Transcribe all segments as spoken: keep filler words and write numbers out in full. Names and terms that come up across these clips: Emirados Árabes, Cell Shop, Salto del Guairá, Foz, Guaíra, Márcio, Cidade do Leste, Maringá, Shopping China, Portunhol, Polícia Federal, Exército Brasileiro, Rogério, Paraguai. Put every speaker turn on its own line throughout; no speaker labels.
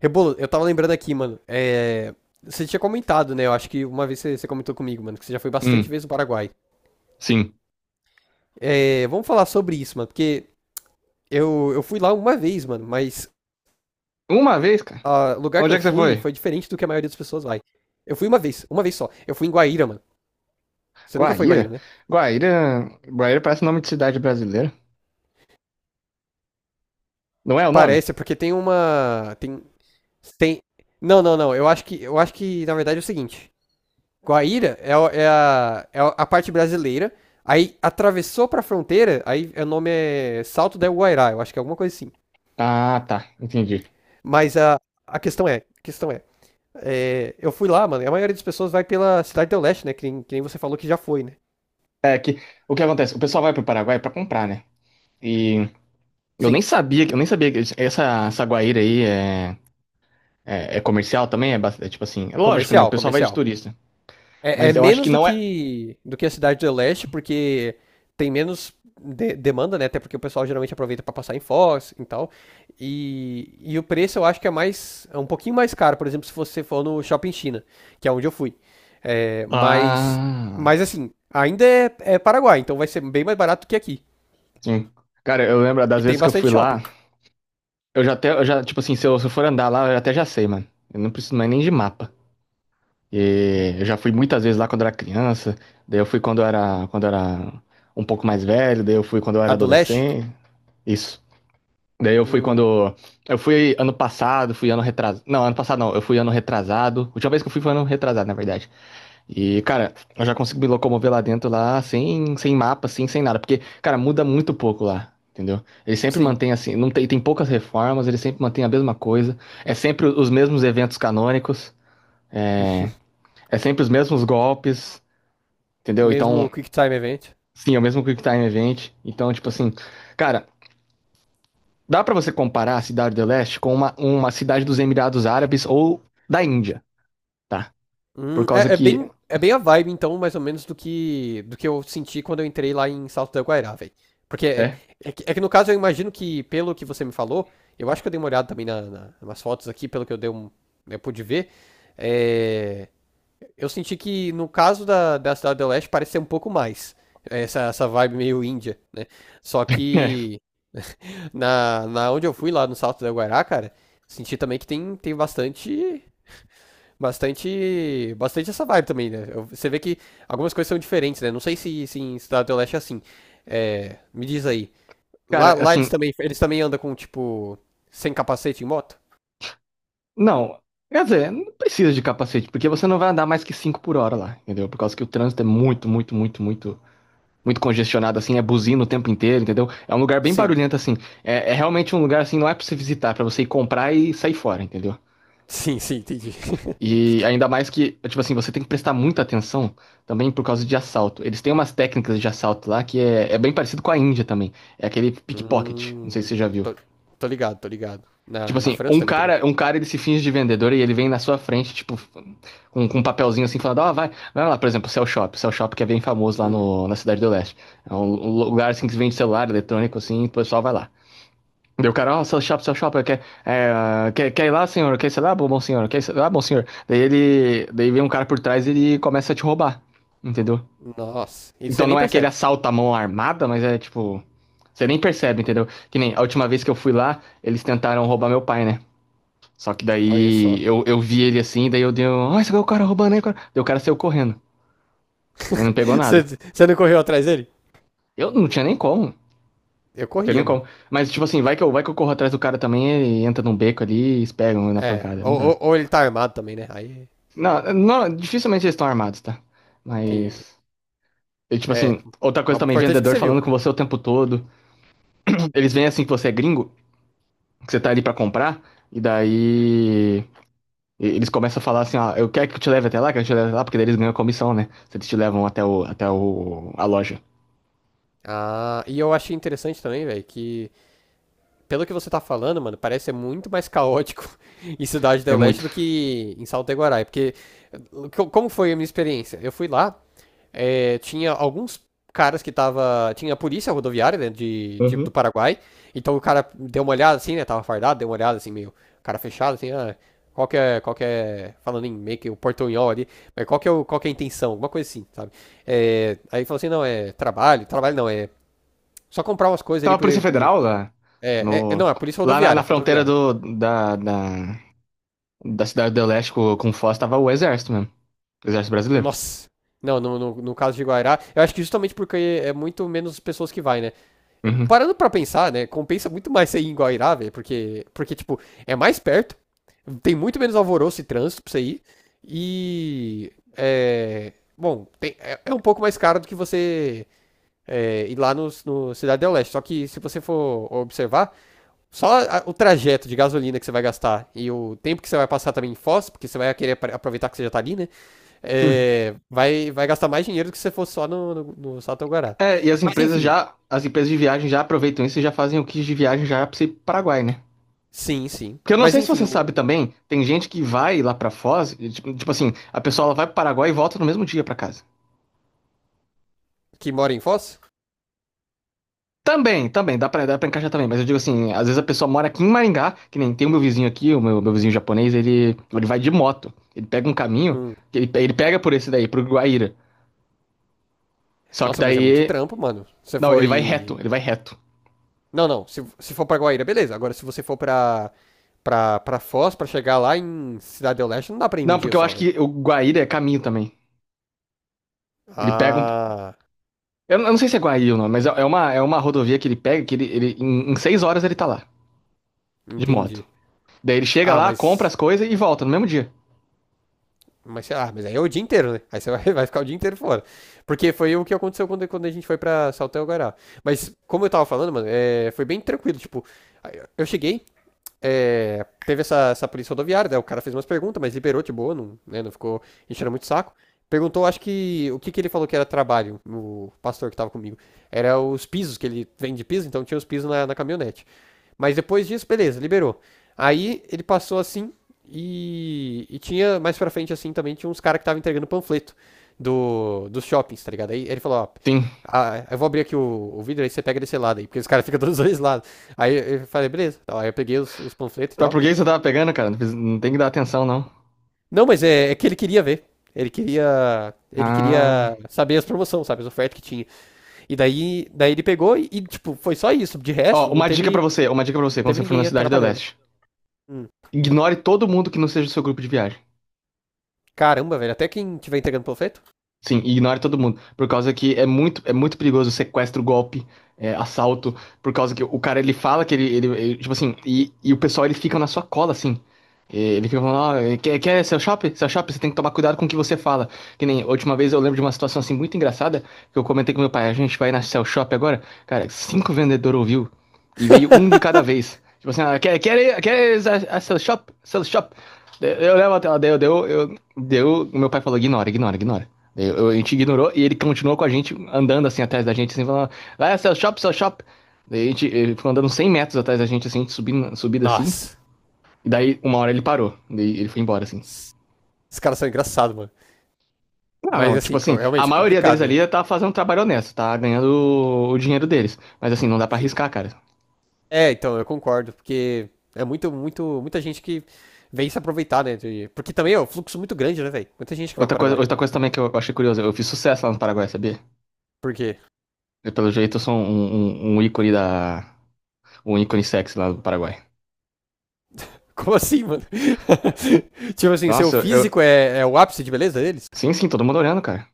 Rebolo, eu tava lembrando aqui, mano. É... Você tinha comentado, né? Eu acho que uma vez você, você comentou comigo, mano, que você já foi bastante
Hum,
vezes no Paraguai.
sim.
É... Vamos falar sobre isso, mano, porque eu, eu fui lá uma vez, mano, mas
Uma vez, cara.
ah, o lugar que
Onde é
eu
que você
fui
foi?
foi diferente do que a maioria das pessoas vai. Eu fui uma vez, uma vez só. Eu fui em Guaíra, mano. Você nunca foi em Guaíra,
Guaíra?
né?
Guaíra. Guaíra parece nome de cidade brasileira. Não é o nome?
Parece, é porque tem uma. Tem. Tem. Não, não, não. Eu acho que. Eu acho que, na verdade, é o seguinte. Guaíra é, é a, é a parte brasileira. Aí atravessou pra fronteira, aí o nome é Salto del Guairá, eu acho que é alguma coisa assim.
Ah, tá. Entendi.
Mas a, a questão é, a questão é, é, eu fui lá, mano, e a maioria das pessoas vai pela Cidade do Leste, né? Que nem, que nem você falou que já foi, né?
É que o que acontece? O pessoal vai pro Paraguai pra comprar, né? E eu
Sim,
nem sabia, que- eu nem sabia que essa, essa Guaíra aí é, é, é comercial também, é, bas- é tipo assim, é lógico, né? O
comercial,
pessoal vai de
comercial.
turista.
É, é
Mas eu acho que
menos do
não é.
que, do que a Cidade do Leste, porque tem menos de- demanda, né? Até porque o pessoal geralmente aproveita para passar em Foz e tal. E, e o preço eu acho que é mais, é um pouquinho mais caro, por exemplo, se você for no Shopping China, que é onde eu fui. É, mas,
Ah,
mas assim, ainda é, é Paraguai, então vai ser bem mais barato que aqui.
sim. Cara, eu lembro
E
das
tem
vezes que eu
bastante
fui
shopping.
lá, eu já até, eu já, tipo assim, se eu, se eu for andar lá, eu até já sei, mano. Eu não preciso mais nem de mapa. E eu já fui muitas vezes lá quando era criança, daí eu fui quando eu era, quando eu era um pouco mais velho, daí eu fui quando eu
A
era
do Leste?
adolescente, isso. Daí eu fui
Hum,
quando. Eu fui ano passado, fui ano retrasado. Não, ano passado não, eu fui ano retrasado. A última vez que eu fui foi ano retrasado, na verdade. E, cara, eu já consigo me locomover lá dentro, lá, sem, sem mapa, assim, sem nada. Porque, cara, muda muito pouco lá, entendeu? Ele sempre
sim.
mantém assim, não tem, tem poucas reformas, ele sempre mantém a mesma coisa. É sempre os mesmos eventos canônicos. É, é sempre os mesmos golpes, entendeu?
Mesmo
Então,
o Quick Time Event.
sim, é o mesmo Quick Time Event. Então, tipo assim, cara, dá pra você comparar a Cidade do Leste com uma, uma cidade dos Emirados Árabes ou da Índia, tá? Por
Hum,
causa
é, é
que.
bem, é bem a vibe, então, mais ou menos, do que, do que eu senti quando eu entrei lá em Salto da Guairá, velho. Porque é,
É?
é que, é que, no caso, eu imagino que, pelo que você me falou, eu acho que eu dei uma olhada também na, na, nas fotos aqui, pelo que eu, dei um, eu pude ver. é, eu senti que, no caso da, da Cidade do Leste, parece ser um pouco mais. Essa, essa vibe meio índia, né? Só
É.
que na, na onde eu fui, lá no Salto da Guairá, cara, senti também que tem, tem bastante bastante, bastante essa vibe também, né? Eu- Você vê que algumas coisas são diferentes, né? Não sei se, se em Cidade do Leste é assim. É, me diz aí. Lá,
Cara,
lá eles
assim,
também, eles também andam com, tipo, sem capacete em moto?
não. Quer dizer, não precisa de capacete, porque você não vai andar mais que cinco por hora lá, entendeu? Por causa que o trânsito é muito, muito, muito, muito, muito congestionado, assim, é buzina o tempo inteiro, entendeu? É um lugar bem
Sim.
barulhento, assim. É, é realmente um lugar, assim, não é pra você visitar, é pra você ir comprar e sair fora, entendeu?
Sim, sim, entendi.
E ainda mais que, tipo assim, você tem que prestar muita atenção também por causa de assalto. Eles têm umas técnicas de assalto lá que é, é bem parecido com a Índia também. É aquele pickpocket, não sei se
Hum,
você já viu.
tô, tô ligado, tô ligado.
Tipo
Na, na
assim,
França
um
também tem muito.
cara, um cara ele se finge de vendedor e ele vem na sua frente, tipo, com, com um papelzinho assim, falando, ó, vai, vai lá, por exemplo, o Cell Shop. O Cell Shop que é bem famoso lá
Hum,
no, na Cidade do Leste. É um um lugar assim que se vende celular, eletrônico, assim, e o pessoal vai lá. Daí o cara, ó, seu chapa, seu chapa, quer, é, quer, quer ir lá, senhor? Quer ir lá, bom bom senhor? Quer ir lá, bom senhor? Daí ele, daí vem um cara por trás e ele começa a te roubar, entendeu?
nossa, e você
Então
nem
não é aquele
percebe.
assalto à mão armada, mas é tipo, você nem percebe, entendeu? Que nem a última vez que eu fui lá, eles tentaram roubar meu pai, né? Só que
Olha só.
daí eu, eu vi ele assim, daí eu dei, um, ó, esse é o cara roubando aí, cara. Daí o cara saiu correndo, né? Não pegou
Você,
nada.
você não correu atrás dele?
Eu não tinha nem como,
Eu
não tinha nem
corria, mano.
como. Mas tipo assim, vai que eu, vai que eu corro atrás do cara também, ele entra num beco ali e eles pegam na
É,
pancada, não
ou,
dá.
ou, ou ele tá armado também, né? Aí
Não, não, dificilmente eles estão armados, tá?
tem.
Mas. E, tipo
É,
assim, outra coisa
mas o
também,
importante é que
vendedor
você
falando
viu.
com você o tempo todo. Eles veem assim que você é gringo, que você tá ali pra comprar, e daí. e- Eles começam a falar assim, ó, eu quero que eu te leve até lá, quero que eu te leve até lá, porque daí eles ganham comissão, né? Se eles te levam até o, até o, a loja.
Ah, e eu achei interessante também, velho, que pelo que você tá falando, mano, parece ser muito mais caótico em Cidade
É
do Leste
muito.
do que em Salto Iguaraí, porque co- como foi a minha experiência? Eu fui lá, é, tinha alguns caras que tava, tinha a polícia rodoviária, né, de, de- do
Uhum.
Paraguai, então o cara deu uma olhada assim, né, tava fardado, deu uma olhada assim, meio cara fechado, assim, ah, qual que é, qual que é, falando em meio que o portunhol ali, mas qual que é, o, qual que é a intenção, alguma coisa assim, sabe? É, aí falou assim, não, é trabalho, trabalho não, é só comprar umas coisas
Tava
ali.
a Polícia
Porque,
Federal lá,
é, é- é,
no,
não, é polícia
lá na,
rodoviária,
na
é
fronteira
rodoviária.
do, da, da, da cidade do Leste com, com Foz, tava o Exército mesmo. Exército Brasileiro.
Nossa. Não, no, no, no caso de Guairá, eu acho que justamente porque é muito menos pessoas que vai, né? É,
Uhum.
Parando pra pensar, né? Compensa muito mais você ir em Guairá, velho, porque, porque, tipo, é mais perto, tem muito menos alvoroço e trânsito pra você ir, e. É. Bom, tem- é, é um pouco mais caro do que você é, ir lá no, no Cidade do Leste. Só que se você for observar, Só a- o trajeto de gasolina que você vai gastar e o tempo que você vai passar também em Foz, porque você vai querer apre- aproveitar que você já tá ali, né? É, vai, vai gastar mais dinheiro do que se você fosse só no, no, no Satoguará.
É, e as
Mas
empresas
enfim,
já, as empresas de viagem já aproveitam isso e já fazem o kit de viagem já para o Paraguai, né?
sim, sim.
Porque eu não
Mas
sei se
enfim,
você sabe
o
também, tem gente que vai lá pra Foz, e, tipo, tipo assim, a pessoa ela vai pro Paraguai e volta no mesmo dia pra casa.
que mora em Foz?
Também, também, dá pra, dá pra encaixar também, mas eu digo assim, às vezes a pessoa mora aqui em Maringá, que nem tem o meu vizinho aqui, o meu, meu vizinho japonês, ele, ele vai de moto, ele pega um caminho,
Hum.
ele, pe- ele pega por esse daí, pro Guaíra. Só que
Nossa, mas é muito
daí,
trampo, mano. Você
não, ele vai
foi.
reto, ele vai reto.
Não, não. Se, se for pra Guaíra, beleza. Agora, se você for pra, pra, pra Foz, pra chegar lá em Cidade do Leste, não dá pra ir um
Não,
dia
porque eu
só,
acho
velho.
que o Guaíra é caminho também. Ele pega um
Ah,
Eu não eu não sei se é Guaí ou não, mas é é uma, é uma rodovia que ele pega, que ele, ele em, em seis horas ele tá lá, de moto.
entendi.
Daí ele chega
Ah,
lá, compra
mas.
as coisas e volta no mesmo dia.
Mas sei lá, mas aí é o dia inteiro, né? Aí você vai, vai ficar o dia inteiro fora. Porque foi o que aconteceu quando, quando a gente foi pra Saltel Guará. Mas, como eu tava falando, mano, é, foi bem tranquilo. Tipo, eu cheguei, é, teve essa, essa polícia rodoviária, né? o cara fez umas perguntas, mas liberou de boa, não, né? não ficou enchendo muito o saco. Perguntou, acho que, o que, que ele falou que era trabalho, o pastor que tava comigo. Era os pisos, que ele vende piso, então tinha os pisos na, na caminhonete. Mas depois disso, beleza, liberou. Aí ele passou assim e, e tinha mais pra frente assim também tinha uns caras que estavam entregando panfleto do, dos shoppings, tá ligado? Aí ele falou, ó,
Sim.
ah, eu vou abrir aqui o, o vidro, aí você pega desse lado aí, porque os caras ficam dos dois lados. Aí eu falei, beleza. Tal, Aí eu peguei os, os panfletos e
Mas
tal.
por que você tava pegando, cara? Não, precisa- não tem que dar atenção, não.
Não, mas é, é que ele queria ver. Ele queria, ele
Ah.
queria saber as promoções, sabe, as ofertas que tinha. E daí, daí ele pegou e, e, tipo, foi só isso. De
Ó,
resto, não
uma dica pra
teve,
você, uma dica pra você,
não
quando
teve
você for na
ninguém
Cidade do
atrapalhando.
Leste.
Hum.
Ignore todo mundo que não seja do seu grupo de viagem.
Caramba, velho, até quem tiver entregando panfleto?
Sim, ignore todo mundo. Por causa que é muito, é muito perigoso sequestro, golpe, é, assalto. Por causa que o cara ele fala que ele, ele, ele- tipo assim, e, e o pessoal ele fica na sua cola assim. E ele fica falando, ó, quer, quer seu shopping? Seu shopping, você tem que tomar cuidado com o que você fala. Que nem a última vez eu lembro de uma situação assim muito engraçada que eu comentei com meu pai, a gente vai na Cell Shop agora. Cara, cinco vendedores ouviu e veio um de cada vez. Tipo assim, ah, quer, quer, quer a, a Cell Shop? Cell Shop? Eu levo até lá, deu, deu, eu, deu. Meu pai falou, ignora, ignora, ignora. Eu- a gente ignorou e ele continuou com a gente, andando assim atrás da gente, assim, falando: vai, ah, seu shop, seu shop. Daí a gente, ele ficou andando cem metros atrás da gente, assim, subindo, subido assim.
Nossa.
E daí, uma hora ele parou. Daí ele foi embora, assim.
Esses caras são engraçados, mano.
Não,
Mas
não, tipo
assim,
assim, a
realmente é
maioria deles
complicado, né?
ali tá fazendo um trabalho honesto, tá ganhando o, o dinheiro deles. Mas assim, não dá pra
Sim.
arriscar, cara.
É, então, eu concordo, porque é muito, muito, muita gente que vem se aproveitar, né? de- Porque também é um fluxo muito grande, né, velho? Muita gente que vai
Outra
para o
coisa,
Paraguai.
outra coisa também que eu achei curioso, eu fiz sucesso lá no Paraguai, sabia?
Por quê?
Eu, pelo jeito, eu sou um, um, um ícone da. Um ícone sexy lá do Paraguai.
Como assim, mano? tipo assim, seu
Nossa, eu.
físico é, é o ápice de beleza deles?
Sim, sim, todo mundo olhando, cara.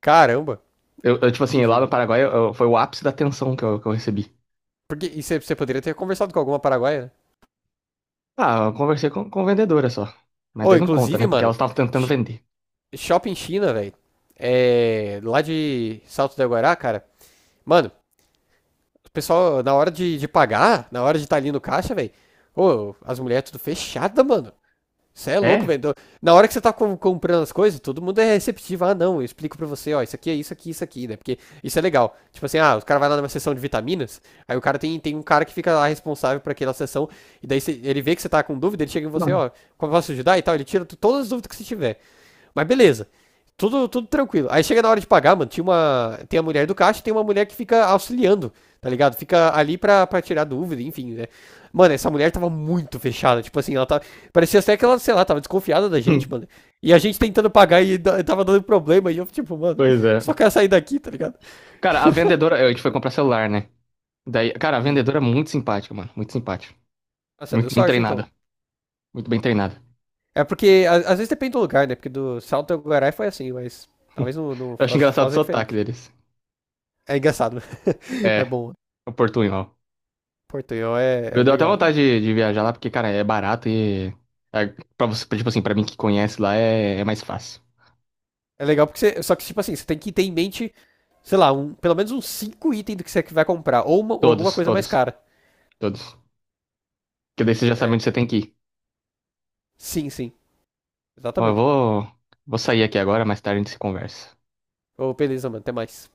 Caramba.
Eu, eu, tipo assim,
Entendi,
lá no
mano.
Paraguai eu- eu- foi o ápice da tensão que eu, que eu recebi.
Porque e você você poderia ter conversado com alguma paraguaia, né?
Ah, eu conversei com, com vendedora só. Mas
Ou,
daí não conta, né?
inclusive,
Porque
mano,
elas estavam tentando vender.
shopping China, velho. É, lá de Salto do Guará, cara. Mano, o pessoal, na hora de, de pagar, na hora de estar ali no caixa, velho. Ô, as mulheres tudo fechada, mano. Você é louco,
É?
velho. Na hora que você tá com- comprando as coisas, todo mundo é receptivo. Ah, não, eu explico pra você, ó, isso aqui é isso aqui, isso aqui, né? Porque isso é legal. Tipo assim, ah, o cara vai lá numa sessão de vitaminas, aí o cara tem, tem um cara que fica lá responsável por aquela sessão, e daí você- ele vê que você tá com dúvida, ele chega em você,
Não.
ó, como eu posso ajudar e tal, ele tira tu- todas as dúvidas que você tiver. Mas beleza. Tudo, tudo tranquilo. Aí chega na hora de pagar, mano. Tinha uma, tem a mulher do caixa e tem uma mulher que fica auxiliando, tá ligado? Fica ali pra, pra tirar dúvida, enfim, né? Mano, essa mulher tava muito fechada. Tipo assim, ela tava. Parecia até que ela, sei lá, tava desconfiada da gente, mano. E a gente tentando pagar e da- tava dando problema. E eu, tipo, mano,
Pois é.
só quero sair daqui, tá ligado?
Cara, a vendedora. A gente foi comprar celular, né? Daí, cara, a
Hum.
vendedora é muito simpática, mano. Muito simpática.
Nossa, deu
Muito bem
sorte então.
treinada. Muito bem treinada.
É porque, a- às vezes depende do lugar, né? Porque do Salto do Guarai foi assim, mas talvez no, no
Eu acho
Foz,
engraçado o
Foz é
sotaque
diferente.
deles.
É engraçado, é
É,
bom.
o portunhol.
Portunhol é, é
Eu deu até
legal. é
vontade de, de viajar lá, porque, cara, é barato e. É, pra você, tipo assim, pra mim que conhece lá é, é mais fácil.
É legal porque você. Só que, tipo assim, você tem que ter em mente, sei lá, um, pelo menos uns cinco itens do que você vai comprar. Ou, uma- ou alguma
Todos,
coisa mais
todos,
cara.
todos. Porque daí você já sabe
É.
onde você tem que ir.
Sim, sim.
Ó, eu
Exatamente.
vou, vou sair aqui agora, mais tarde a gente se conversa.
Ô, beleza, mano. Até mais.